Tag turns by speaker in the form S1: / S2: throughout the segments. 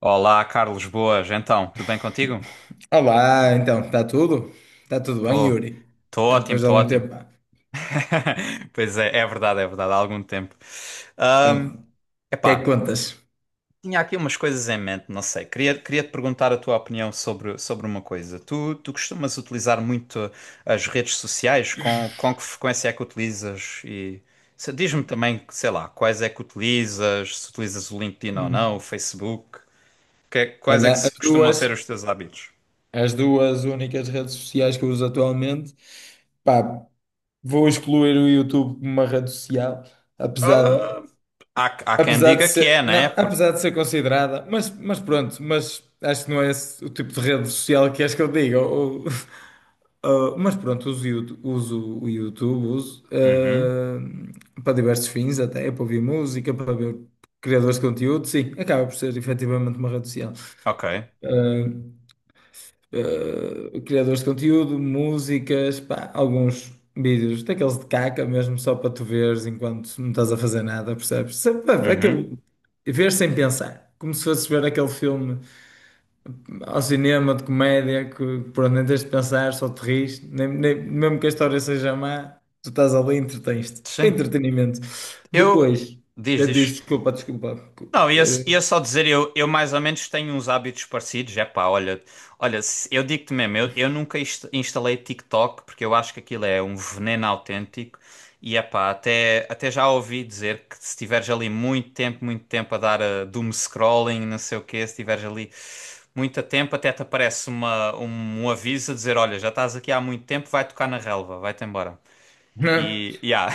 S1: Olá, Carlos, boas. Então, tudo bem contigo?
S2: Olá, então, está tudo? Está tudo bem,
S1: Tô,
S2: Yuri?
S1: tô
S2: Já
S1: ótimo,
S2: depois de
S1: tô
S2: algum
S1: ótimo.
S2: tempo, pá.
S1: Pois é, é verdade, há algum tempo.
S2: Então,
S1: Ahm,
S2: o que é que
S1: epá,
S2: contas?
S1: tinha aqui umas coisas em mente, não sei. Queria te perguntar a tua opinião sobre uma coisa. Tu costumas utilizar muito as redes sociais? Com que frequência é que utilizas? E diz-me também, sei lá, quais é que utilizas, se utilizas o LinkedIn ou não, o
S2: Hum.
S1: Facebook. Quais é que
S2: Olha, as
S1: costumam
S2: duas,
S1: ser os teus hábitos?
S2: as duas únicas redes sociais que eu uso atualmente, pá, vou excluir o YouTube como uma rede social, apesar
S1: Há, há quem
S2: Apesar de
S1: diga que é,
S2: ser, não,
S1: né? Porque.
S2: apesar de ser considerada, mas pronto, mas acho que não é esse o tipo de rede social que acho que eu digo. Mas pronto, uso o YouTube, uso,
S1: Uhum.
S2: ah, para diversos fins, até para ouvir música, para ver criadores de conteúdo, sim, acaba por ser efetivamente uma rede social
S1: Ok.
S2: eh, criadores de conteúdo, músicas, pá, alguns vídeos daqueles de caca mesmo, só para tu veres enquanto não estás a fazer nada, percebes? Só para-
S1: Uhum.
S2: Aquele, ver sem pensar. Como se fosse ver aquele filme ao cinema de comédia que por nem tens de pensar, só te rires, mesmo que a história seja má, tu estás ali e entretens-te. Para
S1: Sim.
S2: entretenimento.
S1: Eu.
S2: Depois,
S1: Diz,
S2: eu disse,
S1: diz.
S2: desculpa, desculpa.
S1: Não, ia,
S2: Eh,
S1: ia só dizer, eu mais ou menos tenho uns hábitos parecidos. É pá, olha, olha, eu digo-te mesmo, eu nunca instalei TikTok porque eu acho que aquilo é um veneno autêntico. E é pá, até já ouvi dizer que se tiveres ali muito tempo a dar a doom scrolling, não sei o quê, se tiveres ali muito tempo, até te aparece um aviso a dizer: olha, já estás aqui há muito tempo, vai tocar na relva, vai-te embora. E, yeah,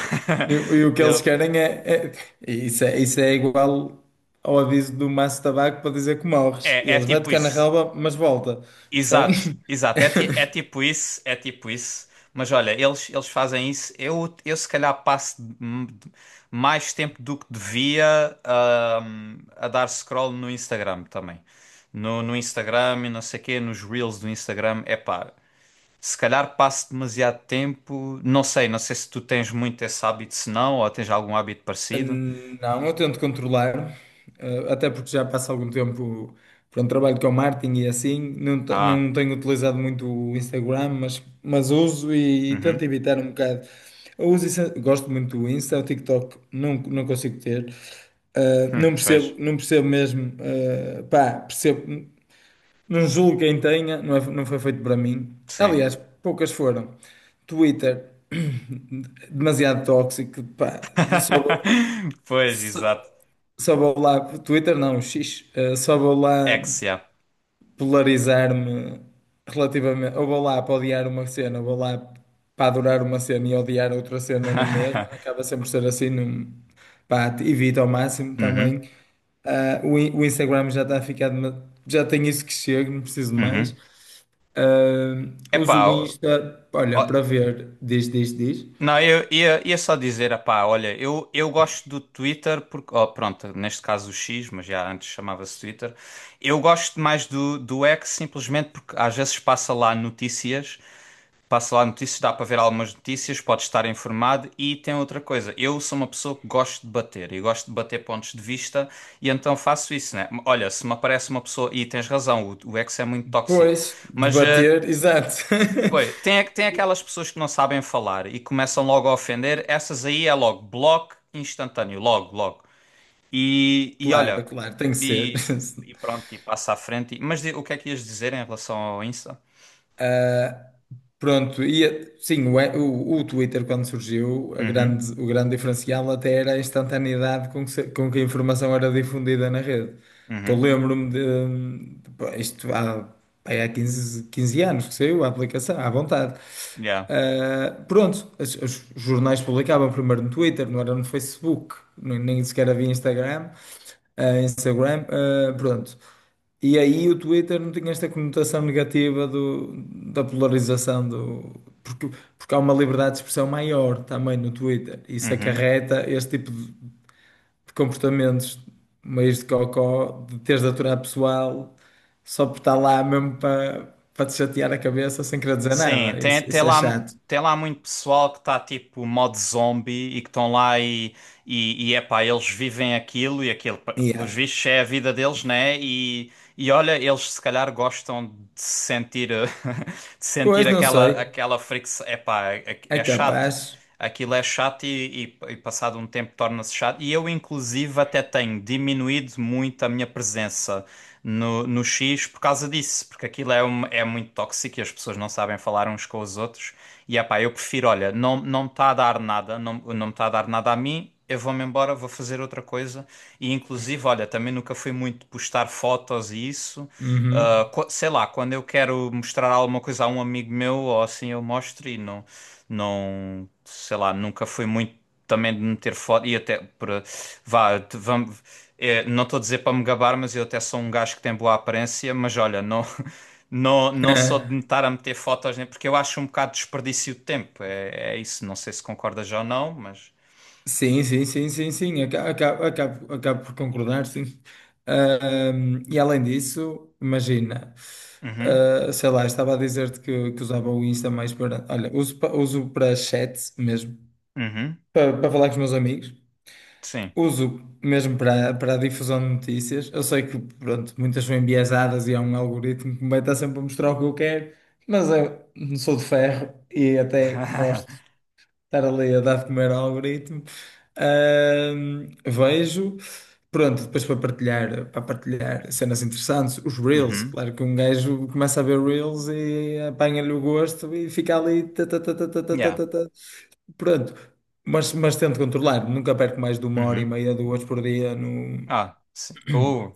S2: e o que eles
S1: eu,
S2: querem é. Isso é igual ao aviso do maço de tabaco para dizer que morres.
S1: é
S2: Eles vai
S1: tipo
S2: tocar na
S1: isso.
S2: relva, mas volta. Percebe?
S1: Exato, exato. É, é tipo isso, é tipo isso. Mas olha, eles fazem isso. Eu se calhar passo mais tempo do que devia a dar scroll no Instagram também. No Instagram e não sei quê, nos Reels do Instagram. É pá, se calhar passo demasiado tempo. Não sei se tu tens muito esse hábito, se não, ou tens algum hábito parecido.
S2: Não, eu tento controlar, até porque já passa algum tempo, pronto, trabalho com marketing e assim, não, não
S1: Ah,
S2: tenho utilizado muito o Instagram, mas uso e, tento
S1: uhum.
S2: evitar um bocado. Eu uso, gosto muito do Insta. O TikTok não, não consigo ter. Não percebo,
S1: Pois,
S2: não percebo mesmo, pá, percebo. Não julgo quem tenha, não, não foi feito para mim.
S1: sim.
S2: Aliás, poucas foram. Twitter, demasiado tóxico, pá,
S1: Pois,
S2: só,
S1: exato.
S2: só vou lá, Twitter não, X, só vou lá
S1: Yeah.
S2: polarizar-me relativamente, ou vou lá para odiar uma cena, ou vou lá para adorar uma cena e odiar outra cena na mesma, acaba sempre por ser assim, não, pá, evito ao máximo
S1: Uhum,
S2: também. Ah, o Instagram já está a ficar, já tem isso que chega, não preciso de mais.
S1: uhum.
S2: Ah, uso
S1: Epá,
S2: o
S1: ó,
S2: Insta, olha,
S1: ó,
S2: para ver, diz, diz, diz.
S1: não, eu ia só dizer, epá, olha, eu gosto do Twitter porque, ó, pronto, neste caso o X, mas já antes chamava-se Twitter. Eu gosto mais do X simplesmente porque às vezes passa lá notícias, dá para ver algumas notícias, pode estar informado e tem outra coisa. Eu sou uma pessoa que gosto de bater e gosto de bater pontos de vista e então faço isso, né? Olha, se me aparece uma pessoa, e tens razão, o X é muito tóxico,
S2: Pois,
S1: mas
S2: debater, exato.
S1: pois, tem, tem aquelas pessoas que não sabem falar e começam logo a ofender, essas aí é logo bloco instantâneo, logo, logo. E
S2: Claro,
S1: olha,
S2: claro, tem que ser.
S1: e, e pronto, e passa à frente. Mas o que é que ias dizer em relação ao Insta?
S2: Pronto, e sim, o Twitter quando surgiu, a
S1: Uhum,
S2: grande, o grande diferencial até era a instantaneidade com que, se- com que a informação era difundida na rede. Que eu
S1: uhum,
S2: lembro-me pá, isto há, pá, há 15 15 anos que saiu a aplicação, à vontade.
S1: yeah,
S2: Ah, pronto, os jornais publicavam primeiro no Twitter, não era no Facebook, nem sequer havia Instagram, pronto. E aí o Twitter não tinha esta conotação negativa da polarização, porque, porque há uma liberdade de expressão maior também no Twitter. Isso
S1: uhum.
S2: acarreta este tipo de comportamentos meios de cocó, de teres de aturar pessoal só por estar lá mesmo para te chatear a cabeça sem querer dizer
S1: Sim,
S2: nada. Isso, isso é chato.
S1: tem lá muito pessoal que está tipo modo zombie e que estão lá. E, E epá, eles vivem aquilo e aquilo, pelos
S2: Yeah.
S1: vistos, é a vida deles, né? E olha, eles se calhar gostam de sentir, de sentir
S2: Pois não
S1: aquela,
S2: sei.
S1: aquela fricção. Epá, é,
S2: É
S1: é chato.
S2: capaz.
S1: Aquilo é chato e passado um tempo torna-se chato. E eu, inclusive, até tenho diminuído muito a minha presença no X por causa disso, porque aquilo é muito tóxico e as pessoas não sabem falar uns com os outros. E epá, eu prefiro, olha, não, não me está a dar nada, não, não me está a dar nada a mim, eu vou-me embora, vou fazer outra coisa. E inclusive, olha, também nunca fui muito de postar fotos e isso. Ah,
S2: Uhum.
S1: sei lá, quando eu quero mostrar alguma coisa a um amigo meu, ou assim eu mostro e não, não, sei lá, nunca fui muito também de meter foto e até para vá, vamos, é, não estou a dizer para me gabar, mas eu até sou um gajo que tem boa aparência, mas olha, não não não sou de me estar a meter fotos nem porque eu acho um bocado desperdício de tempo. É, é isso, não sei se concordas já ou não, mas
S2: Sim, sim, sim, sim, sim, acabo por concordar, sim. E além disso, imagina,
S1: Uhum,
S2: sei lá, estava a dizer-te que usava o Insta mais para. Olha, uso para chat mesmo,
S1: uhum,
S2: para falar com os meus amigos,
S1: sim.
S2: uso mesmo para a difusão de notícias. Eu sei que, pronto, muitas são enviesadas e há um algoritmo que me vai estar sempre a mostrar o que eu quero, mas eu não sou de ferro e até gosto estar ali a dar de comer ao algoritmo. Vejo, pronto, depois para partilhar cenas interessantes, os Reels,
S1: Uhum,
S2: claro que um gajo começa a ver Reels e apanha-lhe o gosto e fica ali. Tá, tá, tá, tá, tá, tá, tá,
S1: yeah.
S2: tá, tá. Pronto, mas tento controlar, nunca perco mais de uma hora e
S1: Uhum.
S2: meia, duas por dia, não,
S1: Ah, sim.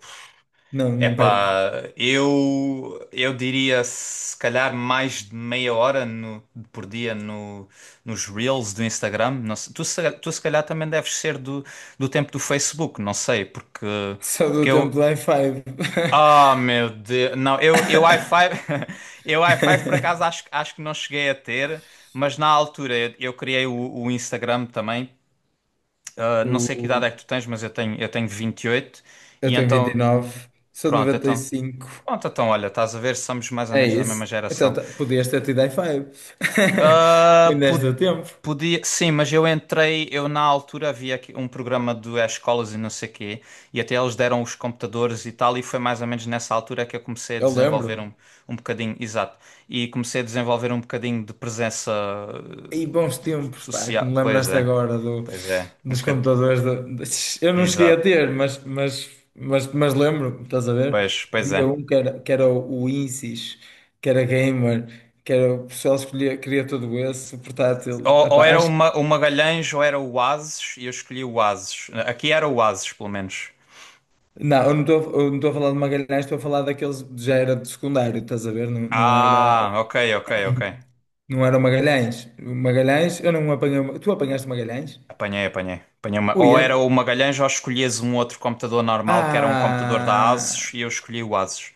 S2: não, não perco.
S1: Epá, eu diria se calhar mais de meia hora por dia no, nos Reels do Instagram. Não sei, tu se calhar também deves ser do tempo do Facebook, não sei, porque,
S2: Só do
S1: porque
S2: tempo
S1: eu.
S2: do i5.
S1: Ah, meu Deus! Não, eu i5, eu i5 por acaso acho que não cheguei a ter, mas na altura eu criei o Instagram também. Ah, não sei que idade é que
S2: O,
S1: tu tens, mas eu tenho 28
S2: eu
S1: e
S2: tenho vinte e
S1: então,
S2: nove sou de
S1: pronto,
S2: noventa e
S1: então.
S2: cinco
S1: Pronto, então olha, estás a ver, somos mais ou
S2: É
S1: menos da mesma
S2: isso. Então,
S1: geração.
S2: podias ter tido i5.
S1: Ah,
S2: Ainda és do tempo.
S1: podia, sim, mas eu na altura havia aqui um programa do escolas e não sei quê, e até eles deram os computadores e tal, e foi mais ou menos nessa altura que eu comecei a
S2: Eu
S1: desenvolver
S2: lembro-me.
S1: um, bocadinho, exato, e comecei a desenvolver um bocadinho de presença
S2: E bons tempos, pá, que me
S1: social.
S2: lembraste agora
S1: Pois é, um
S2: dos
S1: bocadinho,
S2: computadores. Eu não cheguei a
S1: exato,
S2: ter, mas lembro-me, estás a ver?
S1: pois
S2: Havia
S1: é.
S2: um que era o Insys, que era gamer, que era o pessoal escolhia, queria tudo esse, o portátil. Ah,
S1: Ou
S2: pá,
S1: era
S2: acho que.
S1: O Magalhães ou era o Oasis, e eu escolhi o Oasis. Aqui era o Oasis, pelo menos.
S2: Não, eu não estou a falar de Magalhães, estou a falar daqueles que já era de secundário, estás a ver? Não, não era.
S1: Ah, ok, ok, ok.
S2: Não era o Magalhães. O Magalhães, eu não apanhei. O Tu apanhaste o Magalhães?
S1: Apanhei, apanhei. Apanhei uma...
S2: Ui,
S1: Ou era o Magalhães ou escolhias um outro computador normal que era um computador da
S2: Ah,
S1: Asus e eu escolhi o Asus.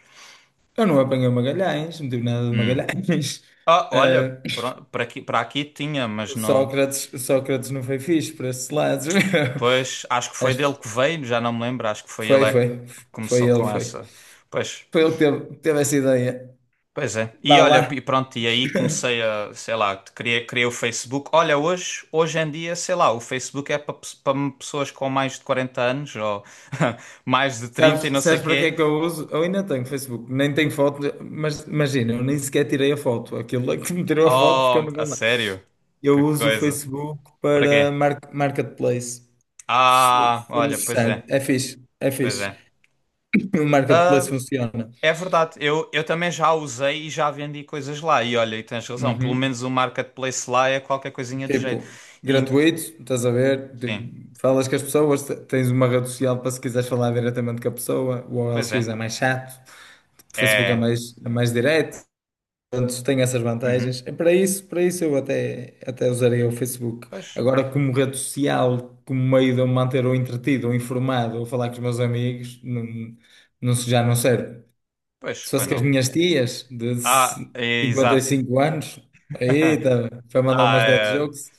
S2: eu não apanhei o Magalhães, não tive nada de
S1: Hum.
S2: Magalhães.
S1: Ah, olha,
S2: Ah,
S1: para aqui tinha, mas
S2: o
S1: não.
S2: Sócrates, o Sócrates não foi fixe para esses lados, meu.
S1: Pois, acho que foi
S2: Acho
S1: dele
S2: que
S1: que veio, já não me lembro. Acho que foi ele
S2: foi,
S1: é que
S2: foi. Foi
S1: começou
S2: ele,
S1: com
S2: foi.
S1: essa. Pois,
S2: Foi ele que teve essa ideia.
S1: pois é. E
S2: Vá
S1: olha,
S2: lá.
S1: e pronto, e aí comecei a, sei lá, criei o Facebook. Olha, hoje, hoje em dia, sei lá, o Facebook é para para pessoas com mais de 40 anos ou mais de 30 e
S2: Sabes,
S1: não sei
S2: sabes para que é
S1: quê.
S2: que eu uso? Eu ainda tenho Facebook, nem tenho foto, mas imagina, eu nem sequer tirei a foto. Aquilo é que me tirou a foto porque eu
S1: Oh,
S2: não
S1: a
S2: vou lá.
S1: sério?
S2: Eu
S1: Que
S2: uso o
S1: coisa.
S2: Facebook
S1: Para
S2: para
S1: quê?
S2: marketplace, se
S1: Ah,
S2: se
S1: olha, pois
S2: necessário.
S1: é,
S2: É fixe, é
S1: pois
S2: fixe.
S1: é.
S2: O marketplace
S1: Ah,
S2: funciona.
S1: é verdade, eu também já usei e já vendi coisas lá. E olha, e tens razão, pelo
S2: Uhum.
S1: menos o marketplace lá é qualquer coisinha de jeito.
S2: Tipo,
S1: E-
S2: gratuito, estás a ver? Tipo,
S1: sim,
S2: falas com as pessoas, tens uma rede social para se quiseres falar diretamente com a pessoa. O
S1: pois
S2: OLX
S1: é.
S2: é mais chato, o Facebook é
S1: É.
S2: mais, é mais direto. Portanto, tem essas
S1: Uhum.
S2: vantagens. E para isso, eu até usaria o Facebook.
S1: Pois.
S2: Agora, como rede social, como meio de eu me manter ou entretido, ou informado, ou falar com os meus amigos, não, não, já não serve.
S1: Pois,
S2: Se
S1: pois
S2: fosse com as
S1: não.
S2: minhas tias de
S1: Ah, é,
S2: cinquenta e
S1: exato.
S2: cinco anos, aí tá, foi mandar
S1: Ah,
S2: umas dead
S1: é,
S2: jokes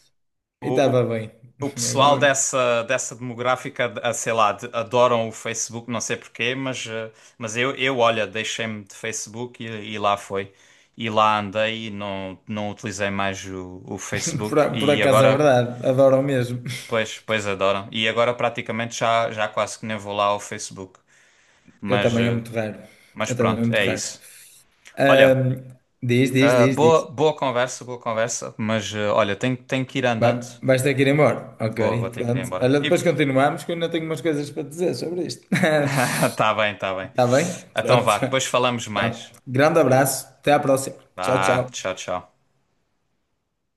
S2: e estava
S1: o,
S2: bem.
S1: o, o pessoal
S2: Agora,
S1: dessa, dessa demográfica, ah, sei lá, adoram o Facebook, não sei porquê, mas, eh, mas eu, olha, deixei-me de Facebook e lá foi. E lá andei e não, não utilizei mais o
S2: por,
S1: Facebook
S2: a- por
S1: e
S2: acaso é
S1: agora,
S2: verdade, adoro mesmo.
S1: pois, pois adoram. E agora praticamente já, já quase que nem vou lá ao Facebook.
S2: Eu
S1: Mas,
S2: também é
S1: eh,
S2: muito raro.
S1: mas
S2: Eu também é
S1: pronto,
S2: muito
S1: é
S2: raro.
S1: isso. Olha.
S2: Ahm, Diz, diz,
S1: Ah,
S2: diz, diz.
S1: boa, boa conversa, mas eh, olha, tenho que ir andando.
S2: Vais ter que ir embora. Ok,
S1: Vou ter que ir
S2: pronto.
S1: embora.
S2: Olha,
S1: E...
S2: depois continuamos, que eu ainda tenho umas coisas para te dizer sobre isto.
S1: Tá bem, tá bem.
S2: Está bem?
S1: Então
S2: Pronto.
S1: vá, depois falamos
S2: Tá.
S1: mais.
S2: Grande abraço. Até à próxima. Tchau,
S1: Vá,
S2: tchau.
S1: tchau, tchau.